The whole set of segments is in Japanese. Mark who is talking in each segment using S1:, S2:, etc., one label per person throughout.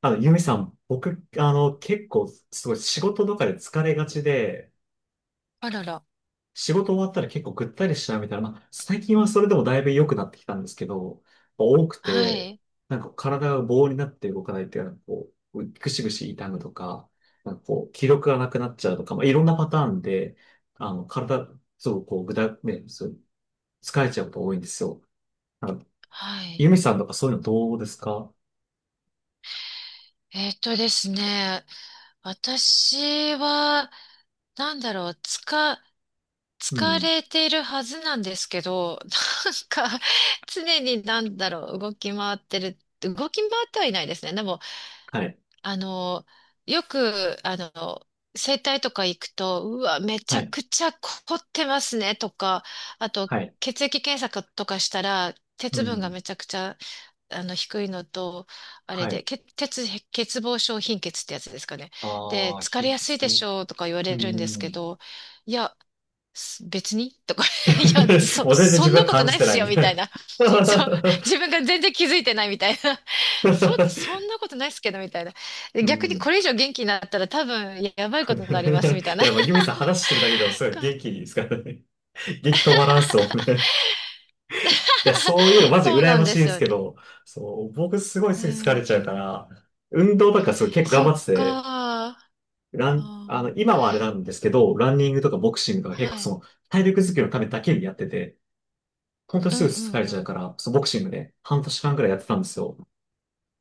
S1: ゆみさん、僕、結構、すごい仕事とかで疲れがちで、
S2: あらら。
S1: 仕事終わったら結構ぐったりしちゃうみたいな、まあ、最近はそれでもだいぶ良くなってきたんですけど、多く
S2: は
S1: て、
S2: い。
S1: なんか体が棒になって動かないっていうのは、こう、ぐしぐし痛むとか、なんかこう、気力がなくなっちゃうとか、まあ、いろんなパターンで、体、そう、こう、ね、そう、疲れちゃうこと多いんですよ。あの、
S2: は
S1: ゆ
S2: い。
S1: みさんとかそういうのどうですか？
S2: ですね。私は、なんだろう、つか、
S1: う
S2: 疲
S1: ん。
S2: れているはずなんですけど、なんか、常に動き回ってはいないですね。でも、
S1: はい。
S2: あの、よく、整体とか行くと、うわ、めち
S1: は
S2: ゃ
S1: い。
S2: くちゃ凝ってますね、とか、あと、
S1: はい。
S2: 血液検査とかしたら、
S1: う
S2: 鉄分が
S1: ん。
S2: めちゃくちゃ低いのと、あれ
S1: は
S2: で、
S1: い。
S2: け鉄、欠乏症貧血ってやつですかね。で、
S1: ああ、
S2: 疲れ
S1: 貧
S2: やすい
S1: 血
S2: でし
S1: ね。
S2: ょうとか言わ
S1: うー
S2: れるんですけ
S1: ん。
S2: ど、いや、す別にとか、いや、
S1: もう全然
S2: そ
S1: 自
S2: ん
S1: 分
S2: な
S1: は
S2: こと
S1: 感
S2: な
S1: じ
S2: いっ
S1: てな
S2: す
S1: い
S2: よ、みたい
S1: ね。
S2: な。そう、自分が全然気づいてないみたいな。そんなことないっすけど、みたいな。で
S1: う
S2: 逆に
S1: ん。
S2: これ以上元気になったら多分やばいことになります、みたい
S1: い
S2: な。
S1: や、もうユミさん話してるだけでもすごい元気ですからね。元気止まらんっすもんね。いや、そういうのマジ
S2: そう
S1: 羨
S2: なん
S1: まし
S2: で
S1: いんで
S2: す
S1: す
S2: よ
S1: け
S2: ね。
S1: ど、そう、僕すごい
S2: う
S1: すぐ疲れちゃうか
S2: ん。
S1: ら、運動とかすごい結構頑
S2: そ
S1: 張
S2: っ
S1: ってて、
S2: か。あー、
S1: 今はあれなんですけど、ランニングとかボクシングとか結構
S2: は
S1: そ
S2: い。
S1: の体力づくりのためだけにやってて、本当に
S2: う
S1: すぐ
S2: んう
S1: 疲
S2: ん
S1: れ
S2: う
S1: ちゃう
S2: ん。
S1: から、そう、ボクシングで半年間くらいやってたんですよ。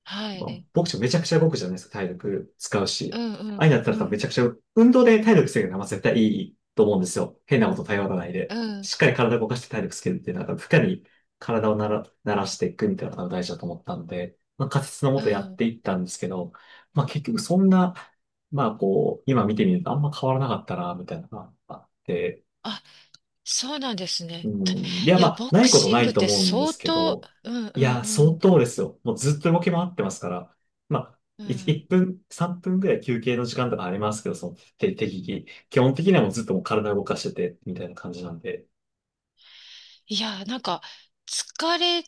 S2: は
S1: まあ、
S2: い。
S1: ボクシングめちゃくちゃ動くじゃないですか、体力使う
S2: う
S1: し。
S2: んう
S1: ああい
S2: ん
S1: うのやった
S2: う
S1: ら多分め
S2: ん
S1: ちゃくちゃ、運動で体力つけるのは絶対いいと思うんですよ。変なこと頼らない
S2: う
S1: で。
S2: ん
S1: しっかり体を動かして体力つけるっていうのは、負荷に体を慣らしていくみたいなのが大事だと思ったんで、まあ、仮説のも
S2: う
S1: とやっ
S2: ん。
S1: ていったんですけど、まあ結局そんな、まあこう、今見てみるとあんま変わらなかったな、みたいなのがあって、
S2: あ、そうなんです
S1: う
S2: ね。
S1: ん。いや、
S2: い
S1: ま
S2: や、
S1: あ、
S2: ボ
S1: な
S2: ク
S1: いこと
S2: シ
S1: な
S2: ング
S1: い
S2: っ
S1: と
S2: て
S1: 思うんで
S2: 相
S1: すけ
S2: 当、
S1: ど、
S2: うんう
S1: い
S2: ん
S1: や、
S2: う
S1: 相
S2: ん
S1: 当ですよ。もうずっと動き回ってますから、まあ、
S2: うん。
S1: 1分、3分ぐらい休憩の時間とかありますけど、その、適宜。基本的にはもうずっともう体動かしてて、みたいな感じなんで。
S2: いや、なんか、疲れ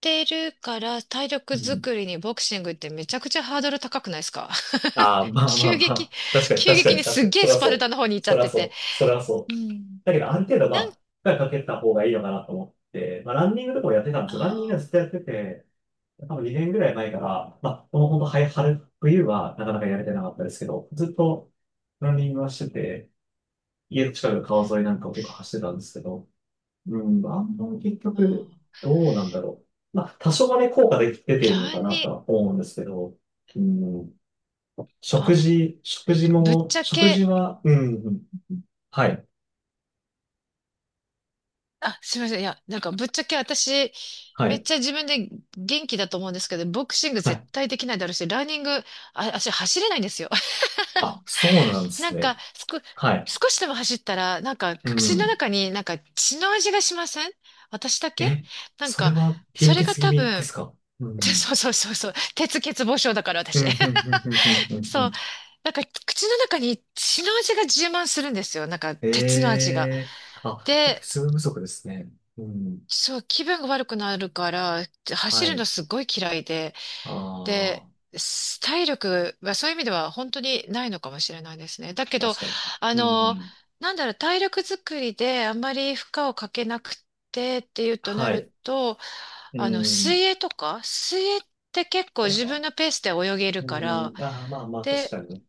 S2: てるから体
S1: う
S2: 力
S1: ん。
S2: 作りにボクシングってめちゃくちゃハードル高くないですか？
S1: ああ、まあまあ
S2: 急
S1: ま
S2: 激、
S1: あ。確かに、
S2: 急
S1: 確か
S2: 激
S1: に、
S2: に
S1: 確
S2: す
S1: か
S2: っ
S1: に。
S2: げ
S1: そ
S2: え
S1: りゃ
S2: スパ
S1: そ
S2: ルタの方に行っ
S1: う。
S2: ちゃ
S1: そ
S2: っ
S1: りゃ
S2: て
S1: そ
S2: て。
S1: う。そりゃそ
S2: う
S1: う。
S2: ん。
S1: だけど、ある程度、ま
S2: なん
S1: あ、
S2: か、
S1: 負荷かけた方がいいのかなと思って、まあ、ランニングとかもやってたんです
S2: あ
S1: よ。ランニング
S2: ー
S1: はずっとやってて、多分2年ぐらい前から、まあ、この本当、はい、春、冬はなかなかやれてなかったですけど、ずっとランニングはしてて、家の近くの川沿いなんかを結構走ってたんですけど、うん、あんまり結
S2: あ
S1: 局、どうなんだろう。まあ、多少はね、効果で出
S2: ー
S1: ているのか
S2: ラ
S1: なと
S2: ニ、
S1: は思うんですけど、うん、
S2: あ、ぶっちゃ
S1: 食事
S2: け、
S1: は、うん、うんはい、
S2: あ、すみません。いや、なんかぶっちゃけ私、
S1: は
S2: めっ
S1: い、
S2: ちゃ自分で元気だと思うんですけど、ボクシング
S1: は
S2: 絶
S1: い。
S2: 対できないだろうし、ランニング、あ、足走れないんですよ。
S1: あ、そうなんで
S2: な
S1: す
S2: ん
S1: ね。
S2: か、すこ、
S1: はい。
S2: 少しでも走ったら、なんか、
S1: う
S2: 口の
S1: ん。
S2: 中になんか血の味がしません？私だけ？
S1: え、
S2: なん
S1: それ
S2: か、
S1: は貧
S2: それが
S1: 血気
S2: 多
S1: 味です
S2: 分、
S1: か？う ん。
S2: そうそうそうそう、鉄欠乏症だから
S1: うん、
S2: 私。
S1: うん、うん、うん、う ん、うんう
S2: そう、
S1: ん。
S2: なんか口の中に血の味が充満するんですよ。なんか、鉄の味
S1: え
S2: が。
S1: えあ、本当に
S2: で、
S1: 睡眠不足ですね。うん。
S2: そう、気分が悪くなるから、走
S1: は
S2: るの
S1: い。
S2: すごい嫌いで、
S1: あ
S2: で、す体力はそういう意味では本当にないのかもしれないですね。だけ
S1: あ、
S2: ど、
S1: 確かに。
S2: あ
S1: う
S2: の、
S1: ん。
S2: 体力作りであんまり負荷をかけなくてっていうとな
S1: は
S2: る
S1: い。
S2: と、
S1: うん。
S2: 水泳とか、水泳って結構
S1: やっ
S2: 自分
S1: ぱ、
S2: のペースで泳げる
S1: う
S2: から、
S1: ん。ああ、まあまあ、確
S2: で、
S1: かに。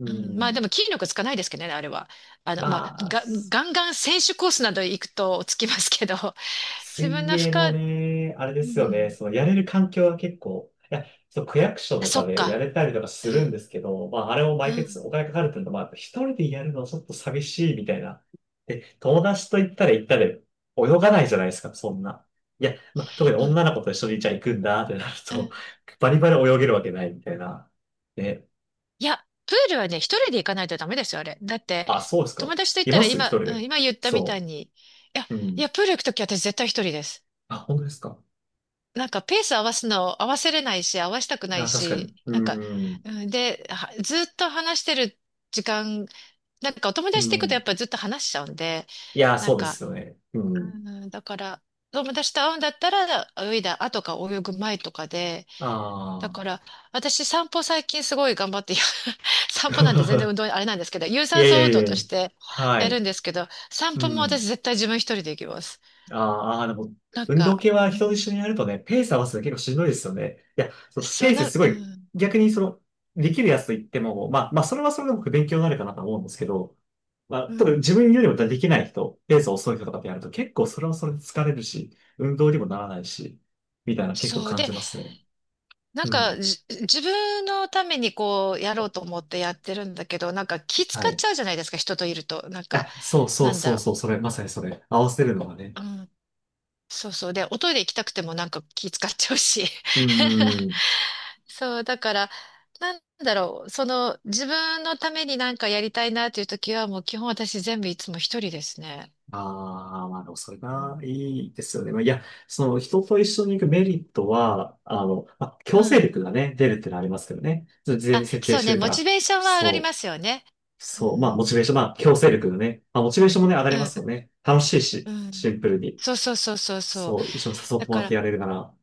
S1: う
S2: うん、まあで
S1: ん。
S2: も筋力つかないですけどね、あれは。あ
S1: ま
S2: の、まあ、
S1: あ、
S2: が、ガンガン選手コースなど行くとつきますけど、自分
S1: 水
S2: の負
S1: 泳も
S2: 荷、
S1: ね、あれで
S2: う
S1: すよね。
S2: ん。
S1: そのやれる環境は結構、いや、そう、区役所と
S2: そ
S1: か
S2: っ
S1: でや
S2: か。
S1: れたりとか
S2: う
S1: す
S2: ん、
S1: るんですけど、まあ、あれも
S2: う
S1: 毎月
S2: ん、
S1: お金かかるっていうのは、まあ、一人でやるのはちょっと寂しいみたいな。で、友達と行ったら行ったで、泳がないじゃないですか、そんな。いや、まあ、特に
S2: うん、
S1: 女の子と一緒にじゃあ行くんだってなる
S2: う
S1: と、
S2: ん。
S1: バリバリ泳げるわけないみたいな。ね、
S2: いや、プールはね、一人で行かないとダメですよ、あれ。だって、
S1: あ、そうですか。
S2: 友達と行っ
S1: い
S2: た
S1: ま
S2: ら
S1: す一
S2: 今、
S1: 人
S2: うん
S1: で。
S2: 今言ったみた
S1: そ
S2: いに、や、
S1: う。う
S2: い
S1: ん。
S2: や、プール行くとき私絶対一人です。
S1: あ、本当ですか。
S2: なんか、ペース合わすの合わせれないし、合わしたくない
S1: あ、確かに。
S2: し、
S1: う
S2: なんか、
S1: ん。
S2: うんで、はずっと話してる時間、なんかお友
S1: う
S2: 達と行くとや
S1: ん。
S2: っぱずっと話しちゃうんで、
S1: いや、
S2: なん
S1: そうです
S2: か、
S1: よね。う
S2: う
S1: ん。
S2: ん、だから、友達と会うんだったら、泳いだ後か泳ぐ前とかで、だ
S1: あ
S2: から、私散歩最近すごい頑張って、いや
S1: あ。
S2: 散歩なんて全然 運動あれなんですけど、有
S1: い
S2: 酸
S1: やい
S2: 素
S1: や
S2: 運
S1: い
S2: 動
S1: やい
S2: と
S1: や。
S2: して
S1: は
S2: やる
S1: い。
S2: んですけど、散
S1: う
S2: 歩も
S1: ん。
S2: 私絶対自分一人で行きます。
S1: あーあー、でも、
S2: なん
S1: 運動
S2: か、
S1: 系は
S2: う
S1: 人と一
S2: ん、
S1: 緒にやるとね、ペース合わせるの結構しんどいですよね。いや、そう、
S2: そ
S1: ペ
S2: う
S1: ース
S2: な、
S1: すご
S2: う
S1: い、
S2: ん、
S1: 逆にその、できるやつと言っても、まあ、それはそれでも勉強になるかなと思うんですけど、まあ、
S2: う
S1: ただ
S2: ん。
S1: 自分よりもできない人、ペース遅い人とかでやると結構それはそれで疲れるし、運動にもならないし、みたいな結構
S2: そう。
S1: 感
S2: で、
S1: じますね。うん。
S2: 自分のためにこう、やろうと思ってやってるんだけど、なんか気使
S1: は
S2: っ
S1: い。
S2: ちゃうじゃないですか、人といると。なんか、
S1: あ、そうそ
S2: な
S1: う
S2: んだ
S1: そう
S2: ろ
S1: そう、それ、まさにそれ、合わせるのがね。
S2: う。うん。そうそう。で、おトイレ行きたくてもなんか気使っちゃうし。
S1: うー ん。
S2: そう、だから、なんだろう、その、自分のためになんかやりたいなという時は、もう基本私全部いつも一人ですね。
S1: ああ、まあでもそれ
S2: う
S1: が
S2: ん。
S1: いいですよね。まあ、いや、その人と一緒に行くメリットは、まあ、
S2: う
S1: 強制
S2: ん。
S1: 力がね、出るっていうのはありますけどね。それ事前
S2: あ、
S1: に設定
S2: そう
S1: して
S2: ね、
S1: るか
S2: モチ
S1: ら。
S2: ベーションは上がり
S1: そ
S2: ま
S1: う、
S2: すよね。う
S1: そう。まあ、
S2: ん。
S1: モチベーション、まあ、強制力のね。まあ、モチベーションもね、上が
S2: う
S1: りますよ
S2: ん。
S1: ね。楽しい
S2: う
S1: し、
S2: ん。う
S1: シ
S2: ん、
S1: ンプルに。
S2: そうそうそうそうそう。
S1: そう、一緒に誘っ
S2: だ
S1: ても
S2: か
S1: らって
S2: ら、
S1: やれるなら。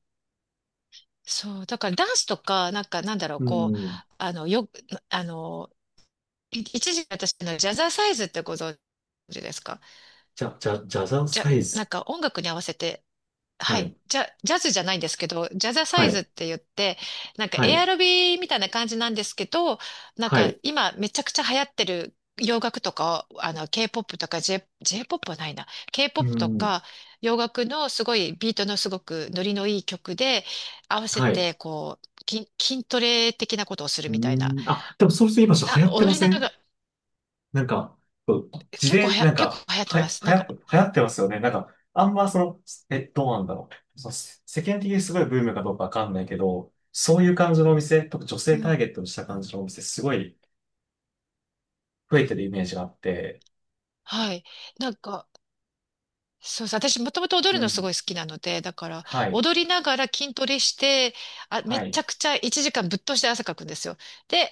S2: そう、だからダンスとか、なんかなんだろう、
S1: う
S2: こう、
S1: ん。
S2: あの、よ、あの、い一時私のジャザーサイズってご存知ですか？
S1: じゃじゃん
S2: じゃ、
S1: サイ
S2: なん
S1: ズ。
S2: か音楽に合わせて、は
S1: は
S2: い。
S1: い、
S2: じゃ、ジャズじゃないんですけど、ジャザサ
S1: は
S2: イズっ
S1: い、
S2: て言って、なんか
S1: は
S2: エア
S1: い、
S2: ロビみたいな感じなんですけど、なん
S1: は
S2: か
S1: い。
S2: 今めちゃくちゃ流行ってる洋楽とか、あの、K-POP とか J-POP はないな。
S1: うー
S2: K-POP と
S1: ん、
S2: か洋楽のすごいビートのすごくノリのいい曲で合わせ
S1: はい。
S2: てこう、筋トレ的なことをする
S1: う
S2: みたいな。
S1: ん。あ、でもそれと今ちょっと流行ってま
S2: 踊り
S1: せ
S2: なが
S1: ん？
S2: ら、
S1: なんか、こう自伝、なん
S2: 結構
S1: か、
S2: 流行ってます。なんか、
S1: 流行ってますよね。なんか、あんまその、え、どうなんだろう。その、世世間的にすごいブームかどうかわかんないけど、そういう感じのお店、特に女性
S2: う
S1: タ
S2: ん。
S1: ーゲットにした
S2: う
S1: 感じ
S2: ん、
S1: のお店、すごい増えてるイメージがあって、
S2: はい。なんか、そうそう、私もともと踊
S1: う
S2: るのす
S1: ん。
S2: ごい好きなので、だから
S1: はい、
S2: 踊りながら筋トレして、あ、め
S1: は
S2: ち
S1: い、
S2: ゃくちゃ1時間ぶっ通して汗かくんですよ。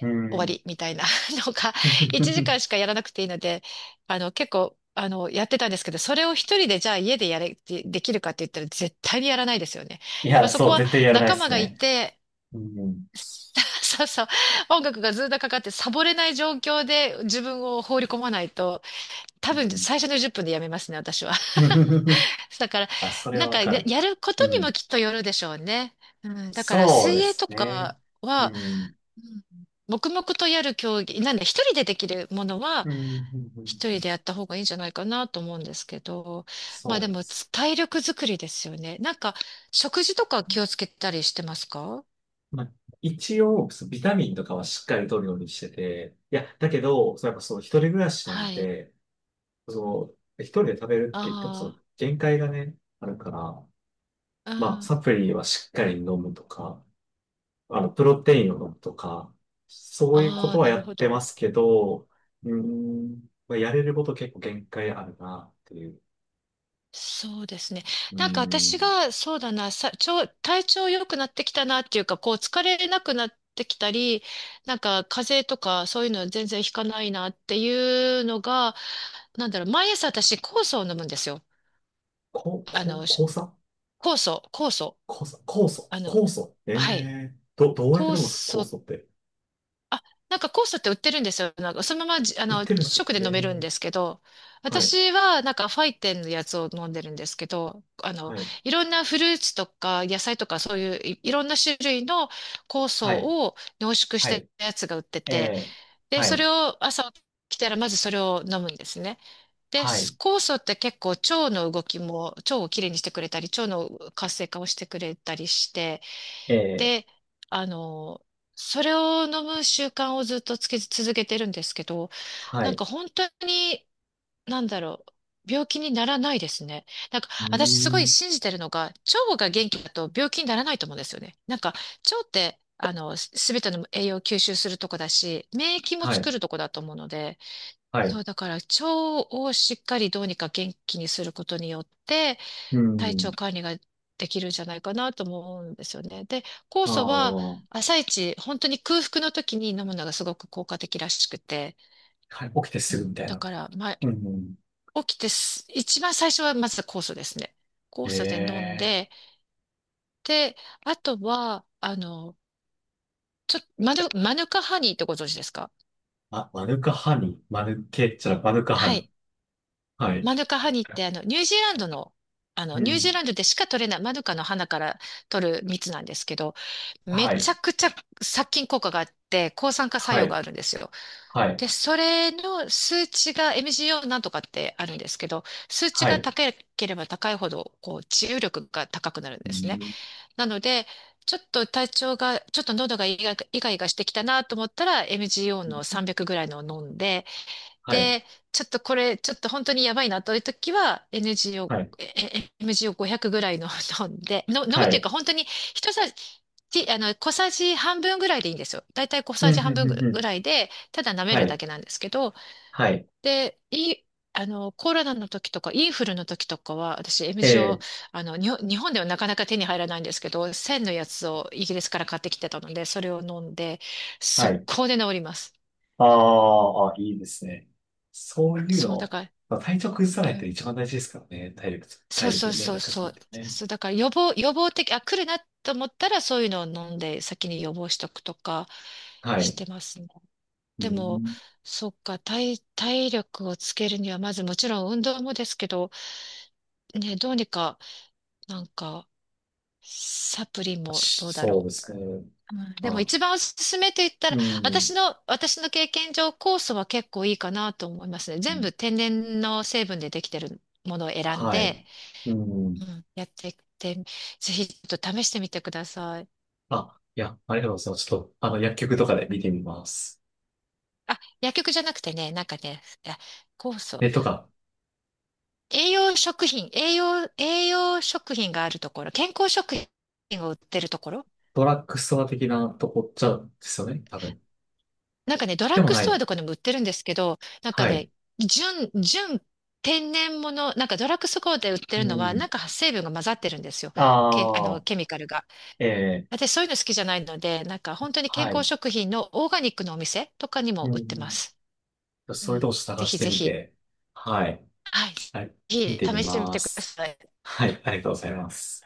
S1: う
S2: 終わ
S1: ん。
S2: りみたいな のが、1時 間しかやらなくていいので、結構、やってたんですけど、それを一人でじゃあ家でやれ、でできるかって言ったら絶対にやらないですよね。
S1: い
S2: やっぱ
S1: や、
S2: そこ
S1: そう、
S2: は
S1: 絶対やらない
S2: 仲
S1: で
S2: 間
S1: す
S2: がい
S1: ね。
S2: て、
S1: うん。
S2: そうそう、音楽がずっとかかってサボれない状況で自分を放り込まないと、多
S1: う
S2: 分
S1: ん。
S2: 最初の10分でやめますね、私は。だから、
S1: あ、それはわかる。
S2: やるこ
S1: う
S2: とにも
S1: ん。
S2: きっとよるでしょうね。うん、だから、
S1: そう
S2: 水
S1: で
S2: 泳と
S1: すね。
S2: か
S1: う
S2: は、
S1: ん。
S2: うん、黙々とやる競技、なんで、一人でできるものは、
S1: うん。うん
S2: 一
S1: う
S2: 人
S1: ん
S2: でやった方がいいんじゃないかなと思うんですけど、まあで
S1: そうで
S2: も、
S1: す。
S2: つ体力づくりですよね。なんか、食事とか気をつけたりしてますか？
S1: まあ、一応、そうビタミンとかはしっかり取るようにしてて、いや、だけど、そうやっぱそう、一人暮らしな
S2: は
S1: ん
S2: い。
S1: で、そう、一人で食べるって言っても、そ
S2: あ
S1: う、限界がね、あるから、
S2: あ、う
S1: まあ、
S2: ん。
S1: サプリはしっかり飲むとか、プロテインを飲むとか、そういうこ
S2: あ
S1: と
S2: あ、
S1: は
S2: な
S1: や
S2: る
S1: っ
S2: ほ
S1: て
S2: ど。
S1: ますけど、うーん、まあ、やれること結構限界あるな、っていう。
S2: そうですね。
S1: うー
S2: なんか私
S1: ん、
S2: が、そうだな、さ、ちょ、体調良くなってきたなっていうか、こう疲れなくなってきたり、なんか風邪とかそういうの全然ひかないなっていうのが、なんだろう、毎朝私酵素を飲むんですよ。あの、
S1: 酵
S2: し
S1: 素
S2: 酵素、
S1: 酵素酵素
S2: あの、
S1: 酵素
S2: はい。
S1: ええー、どうやって飲
S2: 酵
S1: むんですか酵
S2: 素、
S1: 素って？
S2: あ、なんか酵素って売ってるんですよ。なんかそのままじ、あ
S1: 売っ
S2: の、直
S1: てるんですよ。
S2: で飲めるん
S1: え
S2: です
S1: え
S2: けど、
S1: はい、
S2: 私はなんかファイテンのやつを飲んでるんですけど、あの、
S1: はい、
S2: いろんなフルーツとか野菜とかそういういろんな種類の酵素
S1: はい、
S2: を濃縮し
S1: は
S2: た
S1: い、
S2: やつが売ってて、
S1: えー、
S2: で、
S1: は
S2: そ
S1: い、
S2: れを朝起きたらまずそれを飲むんですね。で、
S1: はい、
S2: 酵素って結構腸の動きも、腸をきれいにしてくれたり、腸の活性化をしてくれたりして、
S1: えー、
S2: で、あの、それを飲む習慣をずっとつけ続けてるんですけど、
S1: は
S2: なん
S1: い、
S2: か本当に、なんだろう、病気にならないですね。なんか
S1: うー
S2: 私すごい
S1: ん、
S2: 信じてるのが、腸が元気だと病気にならないと思うんですよね。なんか腸って、あの、すべての栄養を吸収するとこだし、免疫も
S1: は
S2: 作
S1: い、
S2: るとこだと思うので、
S1: はい、
S2: そ
S1: う
S2: う、だから腸をしっかりどうにか元気にすることによって、
S1: ー
S2: 体調
S1: ん、
S2: 管理ができるんじゃないかなとも思うんですよね。で、酵
S1: ああ、
S2: 素は
S1: は
S2: 朝一、本当に空腹の時に飲むのがすごく効果的らしくて、
S1: い、起きて
S2: う
S1: すぐみ
S2: ん、
S1: たい
S2: だ
S1: な。
S2: から、ま
S1: うん、
S2: あ、起きてす一番最初はまず酵素ですね。酵素で飲ん
S1: ええ
S2: で、で、あとは、あの、ちょっと、マヌカハニーってご存知ですか？
S1: ー、あ、マヌカハニー、マヌケっゃマヌカハ
S2: は
S1: ニー。
S2: い。
S1: はい、
S2: マヌカハニーってあのニュージーランドの、あの
S1: う
S2: ニュージー
S1: ん、
S2: ランドでしか取れないマヌカの花から取る蜜なんですけど、め
S1: は
S2: ち
S1: い、
S2: ゃくちゃ殺菌効果があって抗酸化作
S1: は
S2: 用が
S1: い、
S2: あるんですよ。
S1: はい、
S2: で、それの数値が MGO なんとかってあるんですけど、数値
S1: は
S2: が
S1: い、
S2: 高ければ高いほどこう治癒力が高くなるん
S1: う
S2: ですね。
S1: ん、
S2: なので、ちょっと体調が、ちょっと喉がイガイガイガイガしてきたなと思ったら MGO の300ぐらいのを飲んで、
S1: はい、
S2: で、ちょっとこれ、ちょっと本当にやばいなという時は、NG を、
S1: はい、
S2: え MG を500ぐらいの 飲んで、の飲
S1: は
S2: むっていう
S1: い、
S2: か本当に一さじ、あの、小さじ半分ぐらいでいいんですよ。だいたい小
S1: うん、
S2: さ
S1: う
S2: じ半
S1: ん、
S2: 分
S1: うん、うん
S2: ぐらいで、ただ舐め
S1: は
S2: るだ
S1: い、
S2: けなんですけど、
S1: はい、
S2: で、いい、あの、コロナの時とか、インフルの時とかは、私、
S1: え
S2: MG を、
S1: ー、
S2: あの、にほん日本ではなかなか手に入らないんですけど、1000のやつをイギリスから買ってきてたので、それを飲んで、
S1: は
S2: 速
S1: い。
S2: 攻で治ります。
S1: ああ、いいですね。そういう
S2: そう、だ
S1: の、
S2: から、
S1: まあ、体調崩さないっ
S2: う
S1: て
S2: ん、
S1: 一番大事ですからね。
S2: そ
S1: 体
S2: うそう
S1: 力ね、
S2: そ
S1: な
S2: う
S1: んかそ
S2: そ
S1: うや
S2: う。
S1: ってね。
S2: そう、だから予防的、あ、来るなと思ったらそういうのを飲んで先に予防しとくとか
S1: は
S2: し
S1: い。
S2: てますね。
S1: う
S2: でも、
S1: ん、
S2: そっか、体力をつけるには、まずもちろん運動もですけど、ね、どうにか、なんか、サプリもどうだ
S1: そう
S2: ろ
S1: ですね。
S2: う。うん、でも
S1: まあ、
S2: 一番おすすめと言った
S1: う
S2: ら、
S1: ん。
S2: 私の経験上、酵素は結構いいかなと思いますね。全部天然の成分でできてるものを選ん
S1: はい。
S2: で、
S1: う
S2: う
S1: ん。
S2: ん、やってって、ぜひちょっと試してみてください。
S1: あ、いや、ありがとうございます。ちょっと、薬局とかで見てみます。
S2: あ、薬局じゃなくてね、なんかね、いや、酵素。
S1: え、とか、
S2: 栄養食品があるところ、健康食品を売ってるところ。
S1: ドラッグストア的なとこっちゃですよね、多分。
S2: なんかね、ド
S1: で
S2: ラッ
S1: も
S2: グ
S1: な
S2: ス
S1: い
S2: トア
S1: の。
S2: とかでも売ってるんですけど、なんか
S1: は
S2: ね、
S1: い。
S2: 純天然物なんかドラッグストアで売って
S1: う
S2: るのは、
S1: ん。
S2: なんか成分が混ざってるんですよ。け、あの、ケミカルが。
S1: ああ、ええ
S2: 私そういうの好きじゃないので、なんか本当に健
S1: は
S2: 康
S1: い。
S2: 食品のオーガニックのお店とかに
S1: う
S2: も売ってま
S1: ん。
S2: す。う
S1: そういうと
S2: ん、
S1: こ
S2: ぜ
S1: 探し
S2: ひ
S1: て
S2: ぜ
S1: み
S2: ひ、
S1: て、はい、
S2: はい、ぜ
S1: はい、見
S2: ひ
S1: てみ
S2: 試してみ
S1: ま
S2: てくだ
S1: す。
S2: さい。
S1: はい、ありがとうございます。